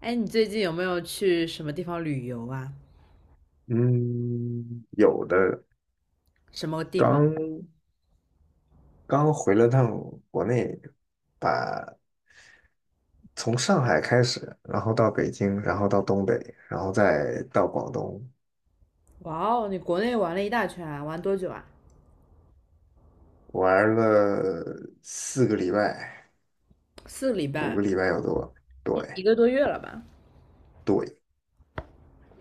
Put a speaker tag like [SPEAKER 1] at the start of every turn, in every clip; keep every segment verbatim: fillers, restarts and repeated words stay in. [SPEAKER 1] 哎，你最近有没有去什么地方旅游啊？
[SPEAKER 2] 嗯，有的，
[SPEAKER 1] 什么地方？
[SPEAKER 2] 刚刚回了趟国内，把从上海开始，然后到北京，然后到东北，然后再到广东，
[SPEAKER 1] 哇哦，你国内玩了一大圈啊，玩多久啊？
[SPEAKER 2] 玩了四个礼拜，
[SPEAKER 1] 四个礼
[SPEAKER 2] 五
[SPEAKER 1] 拜。
[SPEAKER 2] 个礼拜有多。
[SPEAKER 1] 一一
[SPEAKER 2] 对
[SPEAKER 1] 个多月了吧？
[SPEAKER 2] 对，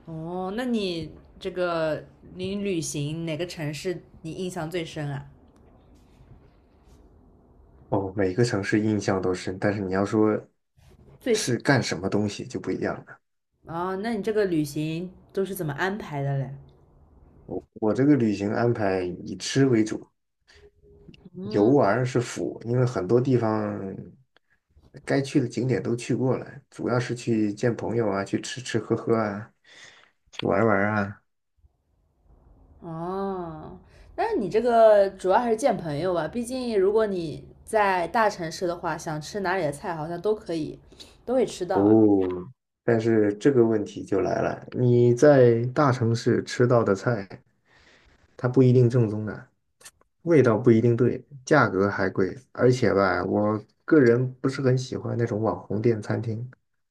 [SPEAKER 1] 哦，那你这个你旅行哪个城市你印象最深啊？
[SPEAKER 2] 哦，每个城市印象都深，但是你要说
[SPEAKER 1] 最喜
[SPEAKER 2] 是
[SPEAKER 1] 欢
[SPEAKER 2] 干什么东西就不一样了。
[SPEAKER 1] 哦，那你这个旅行都是怎么安排的嘞？
[SPEAKER 2] 我这个旅行安排以吃为主，游玩是辅，因为很多地方该去的景点都去过了，主要是去见朋友啊，去吃吃喝喝啊，去玩玩啊。
[SPEAKER 1] 哦，那你这个主要还是见朋友吧，毕竟如果你在大城市的话，想吃哪里的菜好像都可以，都会吃到啊。
[SPEAKER 2] 哦，但是这个问题就来了，你在大城市吃到的菜，它不一定正宗的，味道不一定对，价格还贵，而且吧，我个人不是很喜欢那种网红店餐厅。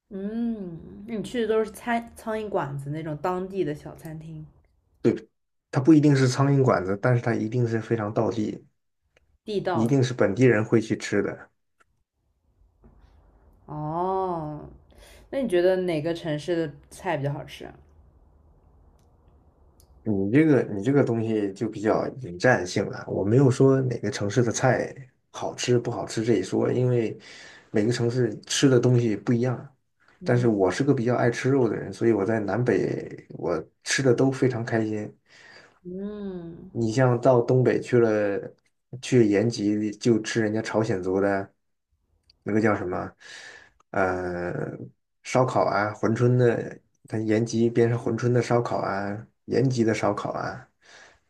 [SPEAKER 1] 嗯，那你去的都是餐苍蝇馆子那种当地的小餐厅，
[SPEAKER 2] 对，它不一定是苍蝇馆子，但是它一定是非常道地，
[SPEAKER 1] 地道
[SPEAKER 2] 一
[SPEAKER 1] 的。
[SPEAKER 2] 定是本地人会去吃的。
[SPEAKER 1] 哦，那你觉得哪个城市的菜比较好吃啊？
[SPEAKER 2] 你这个你这个东西就比较引战性了。我没有说哪个城市的菜好吃不好吃这一说，因为每个城市吃的东西不一样。但是
[SPEAKER 1] 嗯
[SPEAKER 2] 我是个比较爱吃肉的人，所以我在南北我吃的都非常开心。
[SPEAKER 1] 嗯
[SPEAKER 2] 你像到东北去了，去延吉就吃人家朝鲜族的那个叫什么，呃，烧烤啊，珲春的，它延吉边上珲春的烧烤啊，延吉的烧烤啊，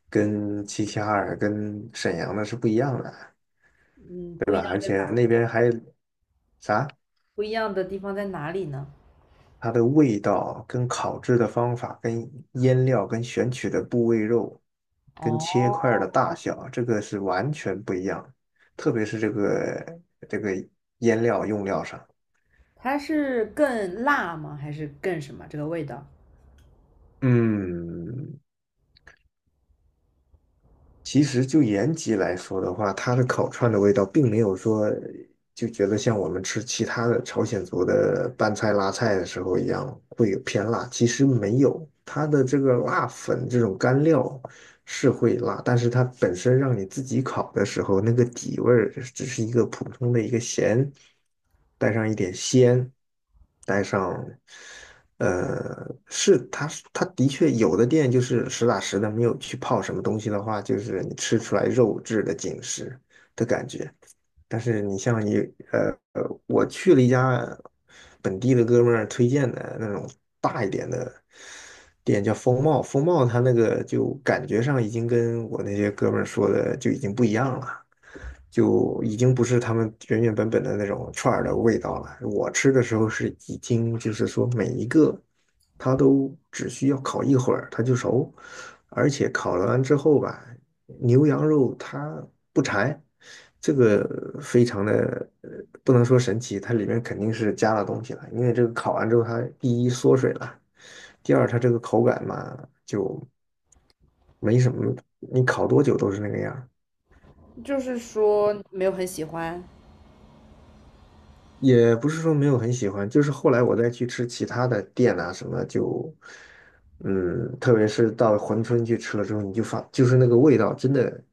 [SPEAKER 2] 跟齐齐哈尔、跟沈阳的是不一样的，
[SPEAKER 1] 嗯，不一样
[SPEAKER 2] 而
[SPEAKER 1] 在
[SPEAKER 2] 且
[SPEAKER 1] 哪？
[SPEAKER 2] 那边还
[SPEAKER 1] 不一样的地方在哪里呢？
[SPEAKER 2] 它的味道、跟烤制的方法、跟腌料、跟选取的部位肉、跟切
[SPEAKER 1] 哦，
[SPEAKER 2] 块儿的大小，这个是完全不一样的。特别是这个这个腌料用料上，
[SPEAKER 1] 它是更辣吗？还是更什么？这个味道？
[SPEAKER 2] 嗯，其实就延吉来说的话，它的烤串的味道并没有说就觉得像我们吃其他的朝鲜族的拌菜、辣菜的时候一样，会有偏辣。其实没有，它的这个辣粉这种干料是会辣，但是它本身让你自己烤的时候，那个底味儿只是一个普通的一个咸，带上一点鲜，带上，呃，是它是它的确有的店就是实打实的，没有去泡什么东西的话，就是你吃出来肉质的紧实的感觉。但是你像你呃呃，我去了一家本地的哥们儿推荐的那种大一点的店，叫风貌。风貌它那个就感觉上已经跟我那些哥们儿说的就已经不一样了。就已经不是他们原原本本的那种串儿的味道了。我吃的时候是已经就是说每一个它都只需要烤一会儿它就熟，而且烤了完之后吧，牛羊肉它不柴，这个非常的呃不能说神奇，它里面肯定是加了东西了，因为这个烤完之后它第一缩水了，第二它这个口感嘛就没什么，你烤多久都是那个样儿。
[SPEAKER 1] 就是说没有很喜欢，
[SPEAKER 2] 也不是说没有很喜欢，就是后来我再去吃其他的店啊什么，就，嗯，特别是到珲春去吃了之后，你就发，就是那个味道真的，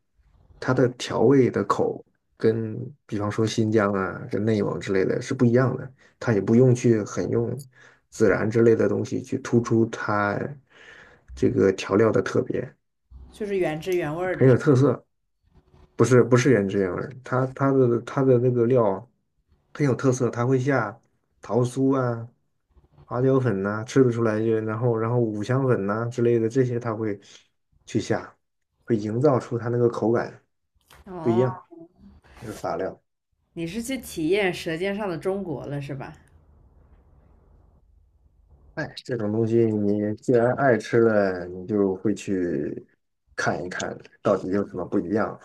[SPEAKER 2] 它的调味的口跟比方说新疆啊、跟内蒙之类的是不一样的，它也不用去很用孜然之类的东西去突出它这个调料的特别，
[SPEAKER 1] 就是原汁原味儿
[SPEAKER 2] 很
[SPEAKER 1] 的是
[SPEAKER 2] 有
[SPEAKER 1] 吧。
[SPEAKER 2] 特色。不是不是原汁原味儿，它它的它的那个料很有特色，它会下桃酥啊、花椒粉呐、吃不出来就然后然后五香粉呐、之类的这些，它会去下，会营造出它那个口感不一
[SPEAKER 1] 哦，
[SPEAKER 2] 样，那是法料。
[SPEAKER 1] 你是去体验《舌尖上的中国》了是吧？
[SPEAKER 2] 哎，这种东西你既然爱吃了，你就会去看一看到底有什么不一样。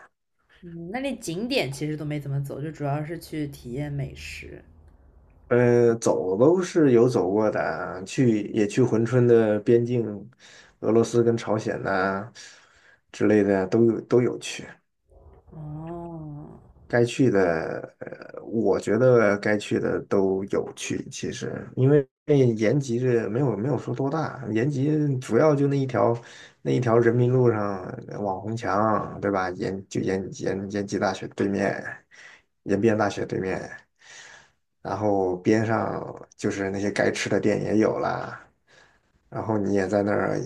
[SPEAKER 1] 嗯，那里景点其实都没怎么走，就主要是去体验美食。
[SPEAKER 2] 呃，走都是有走过的啊去也去珲春的边境，俄罗斯跟朝鲜呐、之类的都有都有去，
[SPEAKER 1] 哦，
[SPEAKER 2] 该去的，呃我觉得该去的都有去。其实因为延吉这没有没有说多大，延吉主要就那一条那一条人民路上呃网红墙，对吧？延就延延延吉大学对面，延边大学对面。然后边上就是那些该吃的店也有啦，然后你也在那儿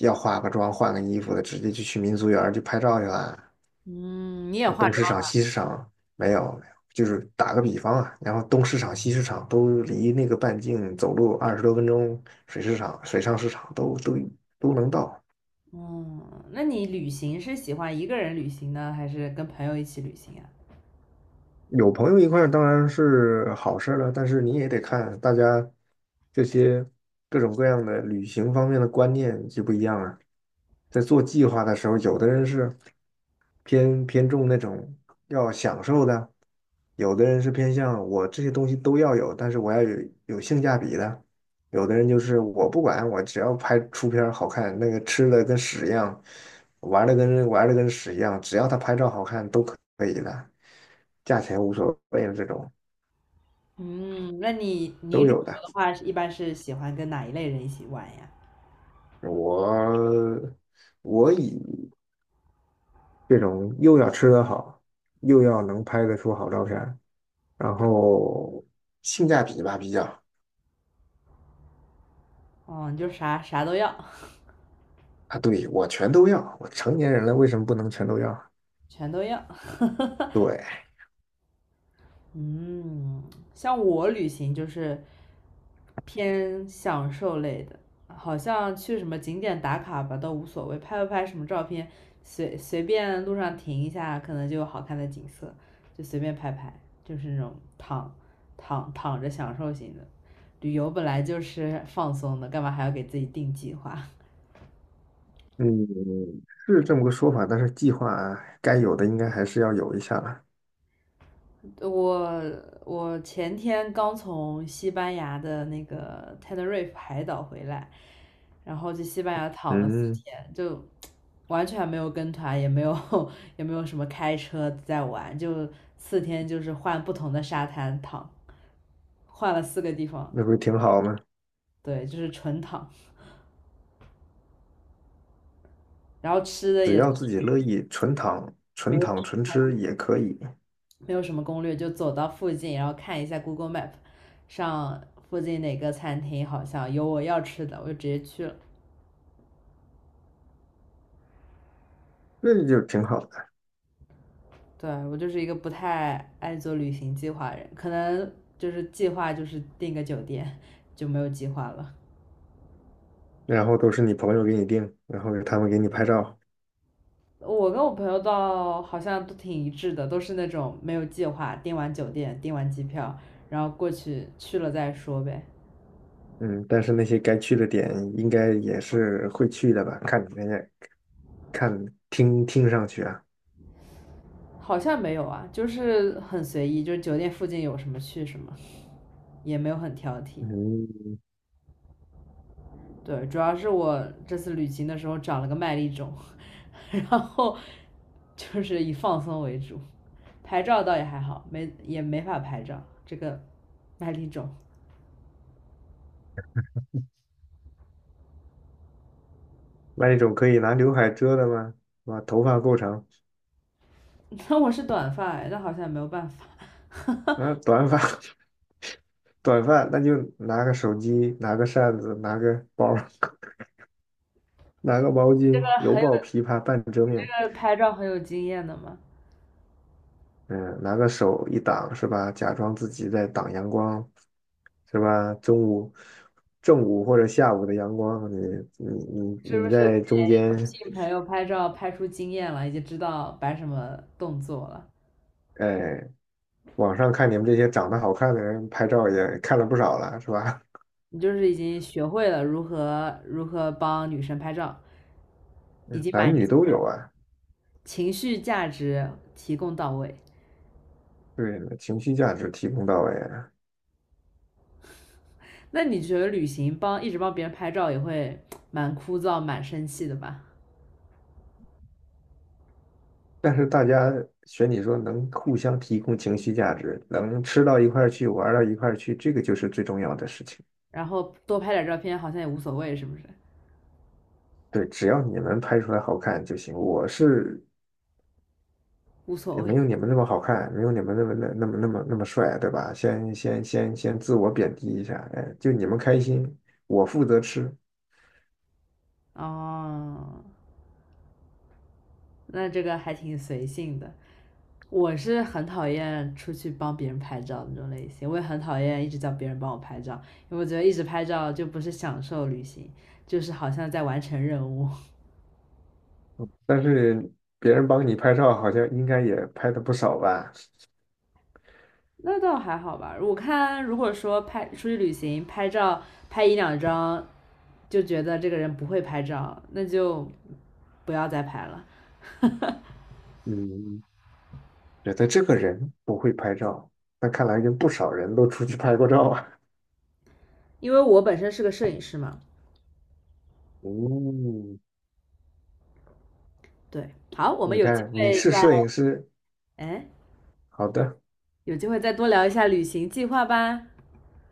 [SPEAKER 2] 要化个妆、换个衣服的，直接就去民族园儿去拍照去啦。
[SPEAKER 1] 嗯，你也
[SPEAKER 2] 啊，
[SPEAKER 1] 化
[SPEAKER 2] 东
[SPEAKER 1] 妆
[SPEAKER 2] 市场、
[SPEAKER 1] 了。
[SPEAKER 2] 西市场没有没有，就是打个比方啊，然后东市场、西市场都离那个半径走路二十多分钟，水市场、水上市场都都都能到。
[SPEAKER 1] 嗯，那你旅行是喜欢一个人旅行呢，还是跟朋友一起旅行啊？
[SPEAKER 2] 有朋友一块儿当然是好事儿了，但是你也得看大家这些各种各样的旅行方面的观念就不一样啊。在做计划的时候，有的人是偏偏重那种要享受的，有的人是偏向我这些东西都要有，但是我要有有性价比的。有的人就是我不管，我只要拍出片儿好看，那个吃的跟屎一样，玩的跟玩的跟屎一样，只要他拍照好看都可以的，价钱无所谓的这种
[SPEAKER 1] 嗯，那你你
[SPEAKER 2] 都
[SPEAKER 1] 旅
[SPEAKER 2] 有
[SPEAKER 1] 游
[SPEAKER 2] 的。
[SPEAKER 1] 的话，一般是喜欢跟哪一类人一起玩呀？
[SPEAKER 2] 我我以这种又要吃得好，又要能拍得出好照片儿然后性价比吧比较
[SPEAKER 1] 哦，你就啥啥都要，
[SPEAKER 2] 啊，对，我全都要，我成年人了为什么不能全都要？
[SPEAKER 1] 全都要。
[SPEAKER 2] 对，
[SPEAKER 1] 嗯，像我旅行就是偏享受类的，好像去什么景点打卡吧都无所谓，拍不拍什么照片，随随便路上停一下，可能就有好看的景色，就随便拍拍，就是那种躺躺躺着享受型的。旅游本来就是放松的，干嘛还要给自己定计划？
[SPEAKER 2] 嗯，是这么个说法，但是计划该有的应该还是要有一下了，
[SPEAKER 1] 我我前天刚从西班牙的那个 Tenerife 海岛回来，然后去西班牙躺了四
[SPEAKER 2] 嗯，
[SPEAKER 1] 天，就完全没有跟团，也没有 也没有什么开车在玩，就四天就是换不同的沙滩躺，换了四个地方。
[SPEAKER 2] 那不是挺好吗？
[SPEAKER 1] 对，就是纯躺，然后吃的
[SPEAKER 2] 只
[SPEAKER 1] 也
[SPEAKER 2] 要自己乐意，纯躺、
[SPEAKER 1] 没
[SPEAKER 2] 纯
[SPEAKER 1] 有
[SPEAKER 2] 躺、纯吃也可以，
[SPEAKER 1] 没有什么攻略，就走到附近，然后看一下 Google Map，上附近哪个餐厅好像有我要吃的，我就直接去了。
[SPEAKER 2] 这就挺好的。
[SPEAKER 1] 对，我就是一个不太爱做旅行计划的人，可能就是计划就是订个酒店就没有计划了。
[SPEAKER 2] 然后都是你朋友给你定，然后他们给你拍照。
[SPEAKER 1] 我跟我朋友倒好像都挺一致的，都是那种没有计划，订完酒店，订完机票，然后过去去了再说呗。
[SPEAKER 2] 嗯，但是那些该去的点应该也是会去的吧？看你那个，看听听上去啊，
[SPEAKER 1] 好像没有啊，就是很随意，就是酒店附近有什么去什么，也没有很挑剔。
[SPEAKER 2] 嗯，
[SPEAKER 1] 对，主要是我这次旅行的时候长了个麦粒肿，然后就是以放松为主，拍照倒也还好，没也没法拍照这个麦粒肿。
[SPEAKER 2] 那一种可以拿刘海遮的吗？啊，头发够长
[SPEAKER 1] 那我是短发哎那好像也没有办法。
[SPEAKER 2] 啊，短发。短发那就拿个手机，拿个扇子，拿个包儿 拿个毛
[SPEAKER 1] 这个
[SPEAKER 2] 巾，犹
[SPEAKER 1] 很有，
[SPEAKER 2] 抱琵琶半遮
[SPEAKER 1] 你
[SPEAKER 2] 面。
[SPEAKER 1] 这个拍照很有经验的嘛？
[SPEAKER 2] 嗯，拿个手一挡是吧？假装自己在挡阳光，是吧？中午、正午或者下午的阳光，你你你
[SPEAKER 1] 是不
[SPEAKER 2] 你
[SPEAKER 1] 是
[SPEAKER 2] 在中间，
[SPEAKER 1] 请朋友拍照拍出经验了，已经知道摆什么动作了？
[SPEAKER 2] 哎，网上看你们这些长得好看的人拍照也看了不少了，是吧？
[SPEAKER 1] 你就是已经学会了如何如何帮女生拍照，已
[SPEAKER 2] 嗯
[SPEAKER 1] 经
[SPEAKER 2] 男
[SPEAKER 1] 满
[SPEAKER 2] 女
[SPEAKER 1] 级
[SPEAKER 2] 都有啊，
[SPEAKER 1] 情绪价值提供到位。
[SPEAKER 2] 对，情绪价值提供到位啊。
[SPEAKER 1] 那你觉得旅行帮一直帮别人拍照也会蛮枯燥、蛮生气的吧？
[SPEAKER 2] 但是大家选你说能互相提供情绪价值，能吃到一块儿去，玩到一块儿去，这个就是最重要的事情。
[SPEAKER 1] 然后多拍点照片好像也无所谓，是不是？
[SPEAKER 2] 对，只要你们拍出来好看就行。我是
[SPEAKER 1] 无所
[SPEAKER 2] 也
[SPEAKER 1] 谓
[SPEAKER 2] 没有你们那么好看，没有你们那么那那么那么那么帅，对吧？先先先先自我贬低一下，哎，就你们开心，我负责吃。
[SPEAKER 1] 哦，那这个还挺随性的。我是很讨厌出去帮别人拍照那种类型，我也很讨厌一直叫别人帮我拍照，因为我觉得一直拍照就不是享受旅行，就是好像在完成任务。
[SPEAKER 2] 但是别人帮你拍照，好像应该也拍的不少吧？
[SPEAKER 1] 那倒还好吧。我看如果说拍出去旅行拍照拍一两张，就觉得这个人不会拍照，那就不要再拍了。
[SPEAKER 2] 嗯，觉得这个人不会拍照，那看来跟不少人都出去拍过照啊。
[SPEAKER 1] 因为我本身是个摄影师嘛。
[SPEAKER 2] 嗯，
[SPEAKER 1] 对，好，我们
[SPEAKER 2] 你
[SPEAKER 1] 有机
[SPEAKER 2] 看，你
[SPEAKER 1] 会
[SPEAKER 2] 是
[SPEAKER 1] 再
[SPEAKER 2] 摄影师，
[SPEAKER 1] 哎，
[SPEAKER 2] 好的。
[SPEAKER 1] 有机会再多聊一下旅行计划吧。